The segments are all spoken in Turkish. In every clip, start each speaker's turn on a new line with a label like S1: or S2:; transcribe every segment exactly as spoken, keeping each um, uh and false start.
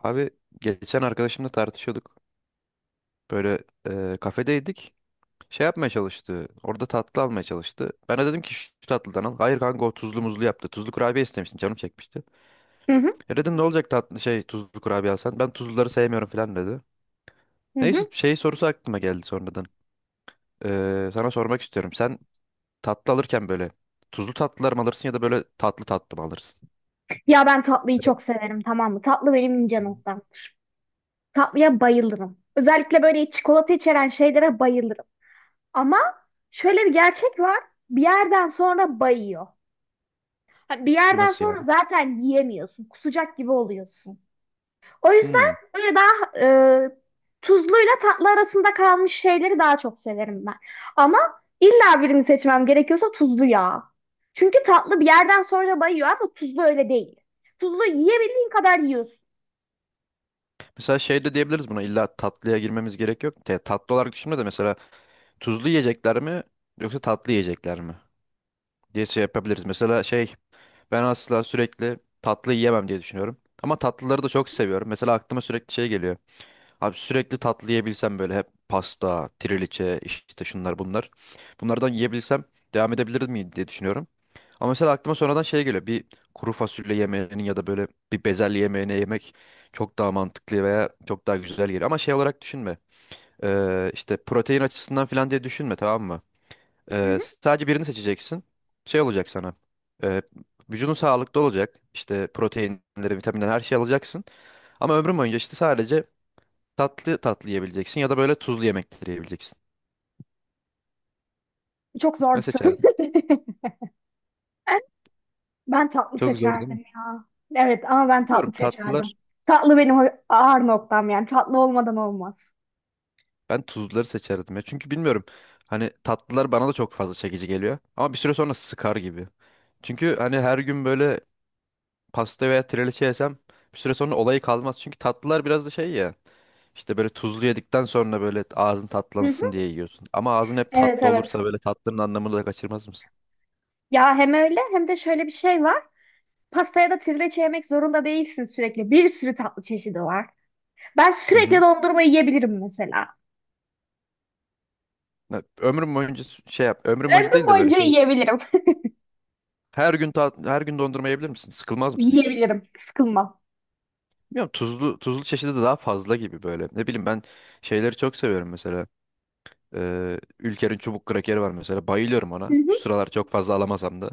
S1: Abi geçen arkadaşımla tartışıyorduk. Böyle e, kafedeydik. Şey yapmaya çalıştı. Orada tatlı almaya çalıştı. Ben de dedim ki şu tatlıdan al. Hayır kanka o tuzlu muzlu yaptı. Tuzlu kurabiye istemiştin canım çekmişti.
S2: Hı hı,
S1: E dedim ne olacak tatlı şey tuzlu kurabiye alsan. Ben tuzluları sevmiyorum falan dedi.
S2: hı
S1: Neyse
S2: hı.
S1: şey sorusu aklıma geldi sonradan. Ee, sana sormak istiyorum. Sen tatlı alırken böyle tuzlu tatlılar mı alırsın ya da böyle tatlı tatlı mı alırsın?
S2: Ya ben tatlıyı
S1: Evet.
S2: çok severim, tamam mı? Tatlı benim ince noktam. Tatlıya bayılırım. Özellikle böyle çikolata içeren şeylere bayılırım. Ama şöyle bir gerçek var. Bir yerden sonra bayıyor. Ha, bir yerden
S1: Nasıl yani?
S2: sonra zaten yiyemiyorsun. Kusacak gibi oluyorsun. O
S1: Hmm.
S2: yüzden böyle daha e, tuzluyla tatlı arasında kalmış şeyleri daha çok severim ben. Ama illa birini seçmem gerekiyorsa tuzlu ya. Çünkü tatlı bir yerden sonra bayıyor ama tuzlu öyle değil. Tuzlu yiyebildiğin kadar yiyorsun.
S1: Mesela şey de diyebiliriz buna, illa tatlıya girmemiz gerek yok. Te- tatlı olarak düşünme de mesela tuzlu yiyecekler mi yoksa tatlı yiyecekler mi diye şey yapabiliriz. Mesela şey, ben asla sürekli tatlı yiyemem diye düşünüyorum. Ama tatlıları da çok seviyorum. Mesela aklıma sürekli şey geliyor. Abi sürekli tatlı yiyebilsem böyle hep pasta, triliçe, işte şunlar bunlar. Bunlardan yiyebilsem devam edebilir miyim diye düşünüyorum. Ama mesela aklıma sonradan şey geliyor. Bir kuru fasulye yemeğinin ya da böyle bir bezelye yemeğine yemek çok daha mantıklı veya çok daha güzel geliyor. Ama şey olarak düşünme. Ee, işte protein açısından falan diye düşünme, tamam mı?
S2: Hı
S1: Ee,
S2: hı.
S1: sadece birini seçeceksin. Şey olacak sana. Ee, vücudun sağlıklı olacak. İşte proteinleri, vitaminleri, her şeyi alacaksın. Ama ömrün boyunca işte sadece tatlı tatlı yiyebileceksin ya da böyle tuzlu yemekleri yiyebileceksin.
S2: Çok zor
S1: Ne
S2: bir soru.
S1: seçerdin?
S2: Ben tatlı
S1: Çok zor değil
S2: seçerdim
S1: mi?
S2: ya. Evet ama ben tatlı
S1: Bilmiyorum, tatlılar.
S2: seçerdim. Tatlı benim o ağır noktam yani. Tatlı olmadan olmaz.
S1: Ben tuzluları seçerdim ya. Çünkü bilmiyorum. Hani tatlılar bana da çok fazla çekici geliyor. Ama bir süre sonra sıkar gibi. Çünkü hani her gün böyle pasta veya trileçe yesem, bir süre sonra olayı kalmaz. Çünkü tatlılar biraz da şey ya. İşte böyle tuzlu yedikten sonra böyle ağzın
S2: Hı hı.
S1: tatlansın diye yiyorsun. Ama ağzın hep
S2: Evet,
S1: tatlı
S2: evet.
S1: olursa böyle tatlının anlamını da kaçırmaz mısın?
S2: Ya hem öyle hem de şöyle bir şey var. Pastaya da trileçe yemek zorunda değilsin sürekli. Bir sürü tatlı çeşidi var. Ben
S1: Hı
S2: sürekli
S1: hı.
S2: dondurma yiyebilirim mesela.
S1: Ya, ömrüm boyunca s- şey yap. Ömrüm boyunca
S2: Ömrüm
S1: değil de böyle
S2: boyunca
S1: şey.
S2: yiyebilirim.
S1: Her gün tat, her gün dondurma yiyebilir misin? Sıkılmaz mısın hiç?
S2: Yiyebilirim. Sıkılmam.
S1: Bilmiyorum, tuzlu tuzlu çeşidi de daha fazla gibi böyle. Ne bileyim, ben şeyleri çok seviyorum mesela. Ee, Ülker'in çubuk krakeri var mesela. Bayılıyorum
S2: Hı
S1: ona. Şu
S2: hı.
S1: sıralar çok fazla alamasam da.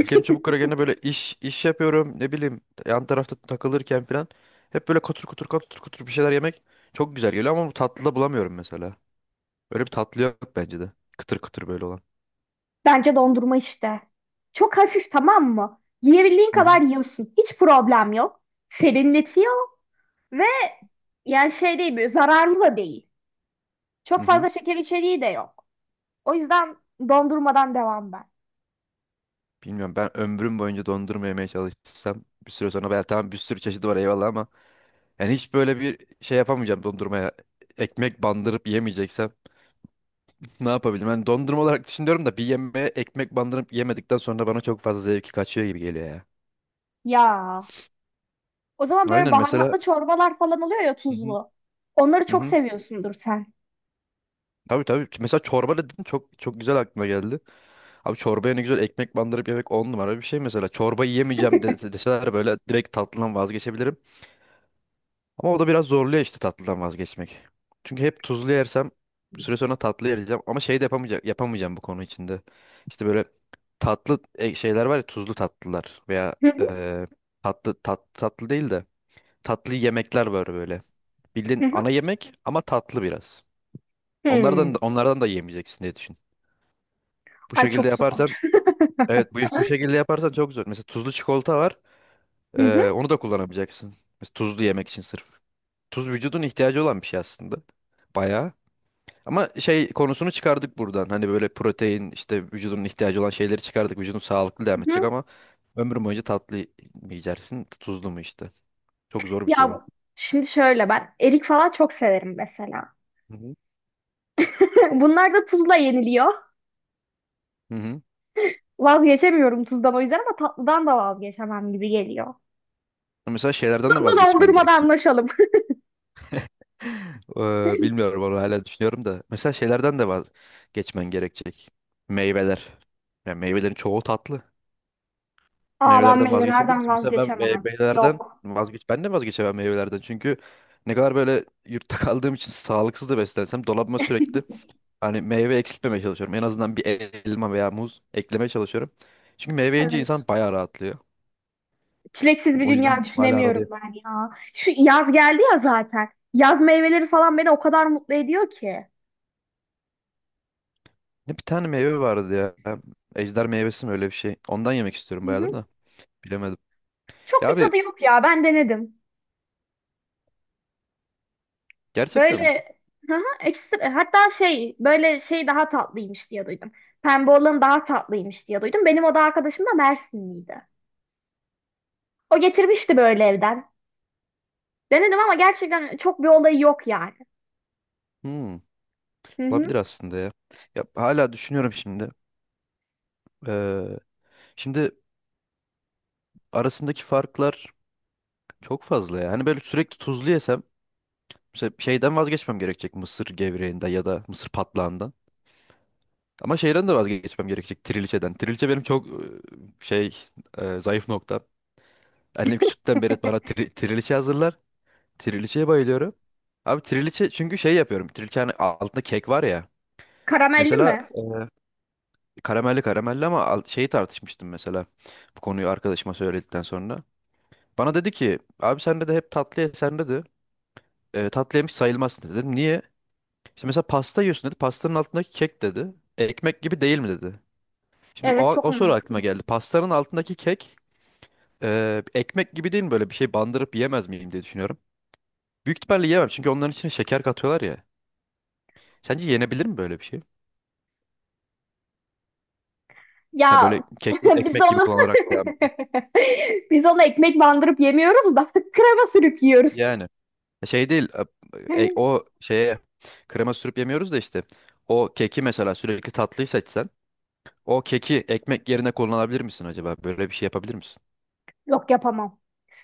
S1: İlker'in çubuk krakerine böyle iş iş yapıyorum, ne bileyim yan tarafta takılırken falan hep böyle kutur kutur kutur kutur bir şeyler yemek çok güzel geliyor ama bu tatlıda bulamıyorum mesela. Böyle bir tatlı yok bence de. Kıtır kıtır böyle olan.
S2: Bence dondurma işte. Çok hafif, tamam mı? Yiyebildiğin
S1: Hı
S2: kadar
S1: hı.
S2: yiyorsun. Hiç problem yok. Serinletiyor ve yani şey değil, böyle zararlı da değil.
S1: Hı
S2: Çok
S1: hı.
S2: fazla şeker içeriği de yok. O yüzden dondurmadan devam ben.
S1: Bilmiyorum, ben ömrüm boyunca dondurma yemeye çalışsam bir süre sonra ben tamam, bir sürü çeşidi var eyvallah ama yani hiç böyle bir şey yapamayacağım dondurmaya. Ekmek bandırıp yemeyeceksem ne yapabilirim? Ben dondurma olarak düşünüyorum da bir yemeğe ekmek bandırıp yemedikten sonra bana çok fazla zevki kaçıyor gibi geliyor ya.
S2: Ya o zaman böyle
S1: Aynen mesela.
S2: baharatlı çorbalar falan oluyor ya, tuzlu. Onları
S1: Hı
S2: çok
S1: hı.
S2: seviyorsundur sen.
S1: Tabii tabii. Mesela çorba dedin, çok çok güzel aklıma geldi. Abi çorbaya ne güzel ekmek bandırıp yemek, on numara bir şey mesela. Çorba yiyemeyeceğim de- deseler böyle, direkt tatlıdan vazgeçebilirim. Ama o da biraz zorluyor işte, tatlıdan vazgeçmek. Çünkü hep tuzlu yersem bir süre sonra tatlı yiyeceğim. Ama şey de yapamayacak, yapamayacağım bu konu içinde. İşte böyle tatlı e, şeyler var ya, tuzlu tatlılar veya
S2: Hı hı,
S1: e, tatlı tat, tatlı değil de tatlı yemekler var böyle.
S2: hı
S1: Bildiğin
S2: hı.
S1: ana yemek ama tatlı biraz. Onlardan
S2: Hmm.
S1: da, onlardan da yemeyeceksin diye düşünüyorum. Bu
S2: Ay,
S1: şekilde
S2: çok
S1: yaparsan,
S2: zor.
S1: evet, bu, bu şekilde yaparsan çok güzel. Mesela tuzlu çikolata var.
S2: Hı
S1: Ee,
S2: hı,
S1: onu da kullanabileceksin. Mesela tuzlu yemek için sırf. Tuz vücudun ihtiyacı olan bir şey aslında. Bayağı. Ama şey konusunu çıkardık buradan. Hani böyle protein işte, vücudun ihtiyacı olan şeyleri çıkardık. Vücudun sağlıklı devam
S2: hı
S1: edecek
S2: hı.
S1: ama ömrün boyunca tatlı mı yiyeceksin, tuzlu mu işte. Çok zor bir soru.
S2: Ya şimdi şöyle, ben erik falan çok severim mesela.
S1: Hı hı.
S2: Bunlar da tuzla yeniliyor.
S1: Hı hı.
S2: Vazgeçemiyorum tuzdan, o yüzden ama tatlıdan da vazgeçemem gibi geliyor.
S1: Mesela şeylerden de
S2: Tuzlu
S1: vazgeçmen
S2: dondurmada
S1: gerekecek.
S2: anlaşalım.
S1: Eee, bilmiyorum, onu hala düşünüyorum da. Mesela şeylerden de vaz geçmen gerekecek. Meyveler. Yani meyvelerin çoğu tatlı.
S2: Aa, ben
S1: Meyvelerden vazgeçebilir
S2: meyvelerden
S1: misin? Mesela ben
S2: vazgeçemem.
S1: meyvelerden
S2: Yok.
S1: vazgeç ben de vazgeçemem meyvelerden. Çünkü ne kadar böyle yurtta kaldığım için sağlıksız da beslensem, dolabıma sürekli hani meyve eksiltmemeye çalışıyorum. En azından bir elma veya muz eklemeye çalışıyorum. Çünkü meyve yiyince
S2: Evet.
S1: insan bayağı rahatlıyor.
S2: Çileksiz bir
S1: O yüzden
S2: dünya
S1: hala
S2: düşünemiyorum
S1: aradayım.
S2: ben ya. Şu yaz geldi ya zaten. Yaz meyveleri falan beni o kadar mutlu ediyor ki.
S1: Ne bir tane meyve vardı ya. Ejder meyvesi mi öyle bir şey. Ondan yemek istiyorum
S2: Hı
S1: bayağıdır
S2: hı.
S1: da. Bilemedim.
S2: Çok
S1: Ya
S2: bir
S1: abi,
S2: tadı yok ya. Ben denedim.
S1: gerçekten mi?
S2: Böyle hı hı, ekstra hatta şey, böyle şey daha tatlıymış diye duydum. Pembe olan daha tatlıymış diye duydum. Benim oda arkadaşım da Mersinliydi. O getirmişti böyle evden. Denedim ama gerçekten çok bir olayı yok yani.
S1: Hmm.
S2: Hı hı.
S1: Olabilir aslında ya. Ya hala düşünüyorum şimdi. Ee, şimdi arasındaki farklar çok fazla ya. Hani böyle sürekli tuzlu yesem mesela şeyden vazgeçmem gerekecek, mısır gevreğinden ya da mısır patlağından. Ama şeyden de vazgeçmem gerekecek, trileçeden. Trileçe benim çok e, şey, e, zayıf noktam. Annem küçükten beri bana tri, trileçe hazırlar. Trileçeye bayılıyorum. Abi trileçe, çünkü şey yapıyorum. Trileçe hani altında kek var ya.
S2: Karamelli
S1: Mesela
S2: mi?
S1: karamelli, karamelli ama al- şeyi tartışmıştım mesela. Bu konuyu arkadaşıma söyledikten sonra. Bana dedi ki abi sen de hep tatlı ye sen dedi. E, tatlı yemiş sayılmazsın dedi. Dedim niye? İşte mesela pasta yiyorsun dedi. Pastanın altındaki kek dedi. Ekmek gibi değil mi dedi. Şimdi o,
S2: Evet, çok
S1: o soru aklıma
S2: mantıklı.
S1: geldi. Pastanın altındaki kek e, ekmek gibi değil mi, böyle bir şey bandırıp yiyemez miyim diye düşünüyorum. Büyük ihtimalle yiyemem çünkü onların içine şeker katıyorlar ya. Sence yenebilir mi böyle bir şey? Ha,
S2: Ya,
S1: böyle keki
S2: biz
S1: ekmek gibi
S2: onu
S1: kullanarak devam etmek.
S2: biz onu ekmek bandırıp yemiyoruz da krema sürüp yiyoruz.
S1: Yani. Şey değil, e, e, o şeye krema sürüp yemiyoruz da işte, o keki mesela sürekli tatlıyı seçsen, o keki ekmek yerine kullanabilir misin acaba? Böyle bir şey yapabilir misin?
S2: Yok, yapamam.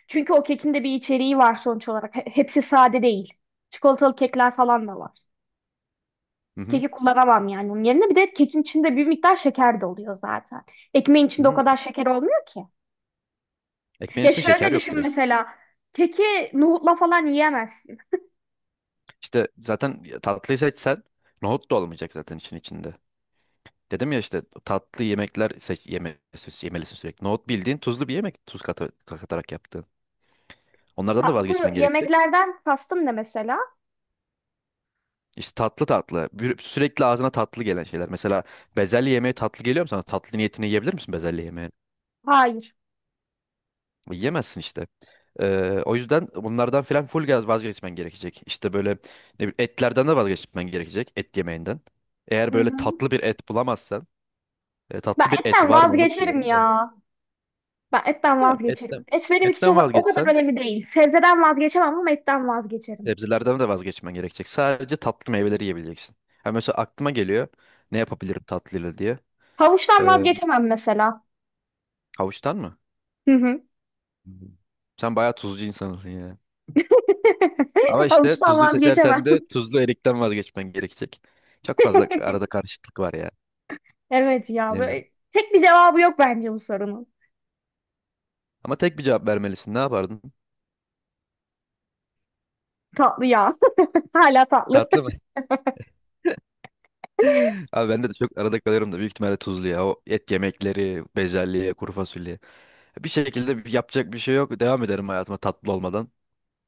S2: Çünkü o kekin de bir içeriği var sonuç olarak. He- Hepsi sade değil. Çikolatalı kekler falan da var.
S1: Hı hı.
S2: Keki kullanamam yani onun yerine. Bir de kekin içinde bir miktar şeker de oluyor zaten. Ekmeğin
S1: Hı
S2: içinde o
S1: hı.
S2: kadar şeker olmuyor ki.
S1: Ekmeğin
S2: Ya
S1: içinde şeker
S2: şöyle
S1: yok
S2: düşün
S1: direkt.
S2: mesela. Keki nohutla falan yiyemezsin.
S1: İşte zaten tatlıyı seçsen nohut da olmayacak zaten için içinde. Dedim ya işte tatlı yemekler seç, yeme, yemelisin sürekli. Nohut bildiğin tuzlu bir yemek, tuz katı- katarak yaptığın. Onlardan da
S2: Tatlı bu
S1: vazgeçmen gerekecek.
S2: yemeklerden kastım ne mesela?
S1: İşte tatlı tatlı. Bir- Sürekli ağzına tatlı gelen şeyler. Mesela bezelye yemeği tatlı geliyor mu sana? Tatlı niyetine yiyebilir misin bezelye yemeği?
S2: Hayır.
S1: Yiyemezsin işte. Ee, o yüzden bunlardan filan full gaz vazgeçmen gerekecek. İşte böyle ne bileyim, etlerden de vazgeçmen gerekecek. Et yemeğinden. Eğer
S2: Hı
S1: böyle
S2: hı.
S1: tatlı bir et bulamazsan. e,
S2: Ben
S1: tatlı bir et
S2: etten
S1: var mı onu
S2: vazgeçerim
S1: düşünüyorum da.
S2: ya. Ben etten
S1: Ya,
S2: vazgeçerim.
S1: etten,
S2: Et benim için
S1: etten
S2: o, o kadar
S1: vazgeçsen
S2: önemli değil. Sebzeden vazgeçemem ama etten vazgeçerim.
S1: sebzelerden de vazgeçmen gerekecek. Sadece tatlı meyveleri yiyebileceksin. Ha, mesela aklıma geliyor ne yapabilirim tatlıyla diye.
S2: Havuçtan
S1: Ee,
S2: vazgeçemem mesela.
S1: havuçtan mı?
S2: Hı hı.
S1: Hmm. Sen bayağı tuzcu insansın ya. Ama işte
S2: Havuçtan
S1: tuzluyu seçersen
S2: vazgeçemem.
S1: de tuzlu erikten vazgeçmen gerekecek. Çok fazla arada karışıklık var ya.
S2: Evet ya,
S1: Bilemiyorum.
S2: böyle tek bir cevabı yok bence bu sorunun.
S1: Ama tek bir cevap vermelisin. Ne yapardın?
S2: Tatlı ya. Hala tatlı.
S1: Tatlı mı? Abi ben de çok arada kalıyorum da büyük ihtimalle tuzlu ya. O et yemekleri, bezelye, kuru fasulye. Bir şekilde bir- yapacak bir şey yok. Devam ederim hayatıma tatlı olmadan.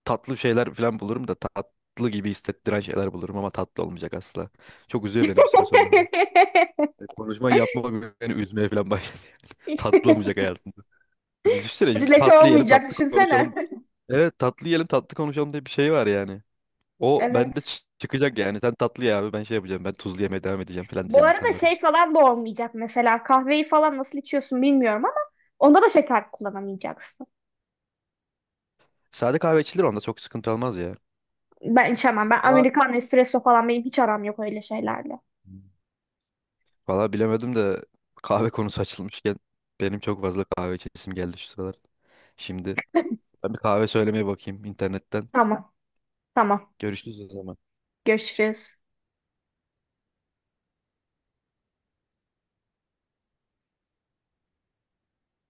S1: Tatlı şeyler falan bulurum da, tatlı gibi hissettiren şeyler bulurum ama tatlı olmayacak asla. Çok üzüyor beni bir süre sonra bu. Konuşma yapma beni üzmeye falan başladı. Tatlı olmayacak hayatımda. E, düşünsene, çünkü
S2: Trileçe
S1: tatlı yiyelim
S2: olmayacak,
S1: tatlı
S2: düşünsene.
S1: konuşalım. Evet, tatlı yiyelim tatlı konuşalım diye bir şey var yani. O bende
S2: Evet.
S1: çı- çıkacak yani. Sen tatlı ye abi, ben şey yapacağım. Ben tuzlu yemeye devam edeceğim falan
S2: Bu
S1: diyeceğim
S2: arada
S1: insanlara
S2: şey
S1: biz.
S2: falan da olmayacak mesela. Kahveyi falan nasıl içiyorsun bilmiyorum ama onda da şeker kullanamayacaksın.
S1: Sade kahve içilir, onda çok sıkıntı olmaz ya.
S2: Ben içemem. Ben
S1: Ama
S2: Amerikan espresso falan, benim hiç aram yok öyle şeylerle.
S1: valla bilemedim de, kahve konusu açılmışken benim çok fazla kahve içesim geldi şu sıralar. Şimdi ben bir kahve söylemeye bakayım internetten.
S2: Tamam. Tamam.
S1: Görüşürüz o zaman.
S2: Görüşürüz.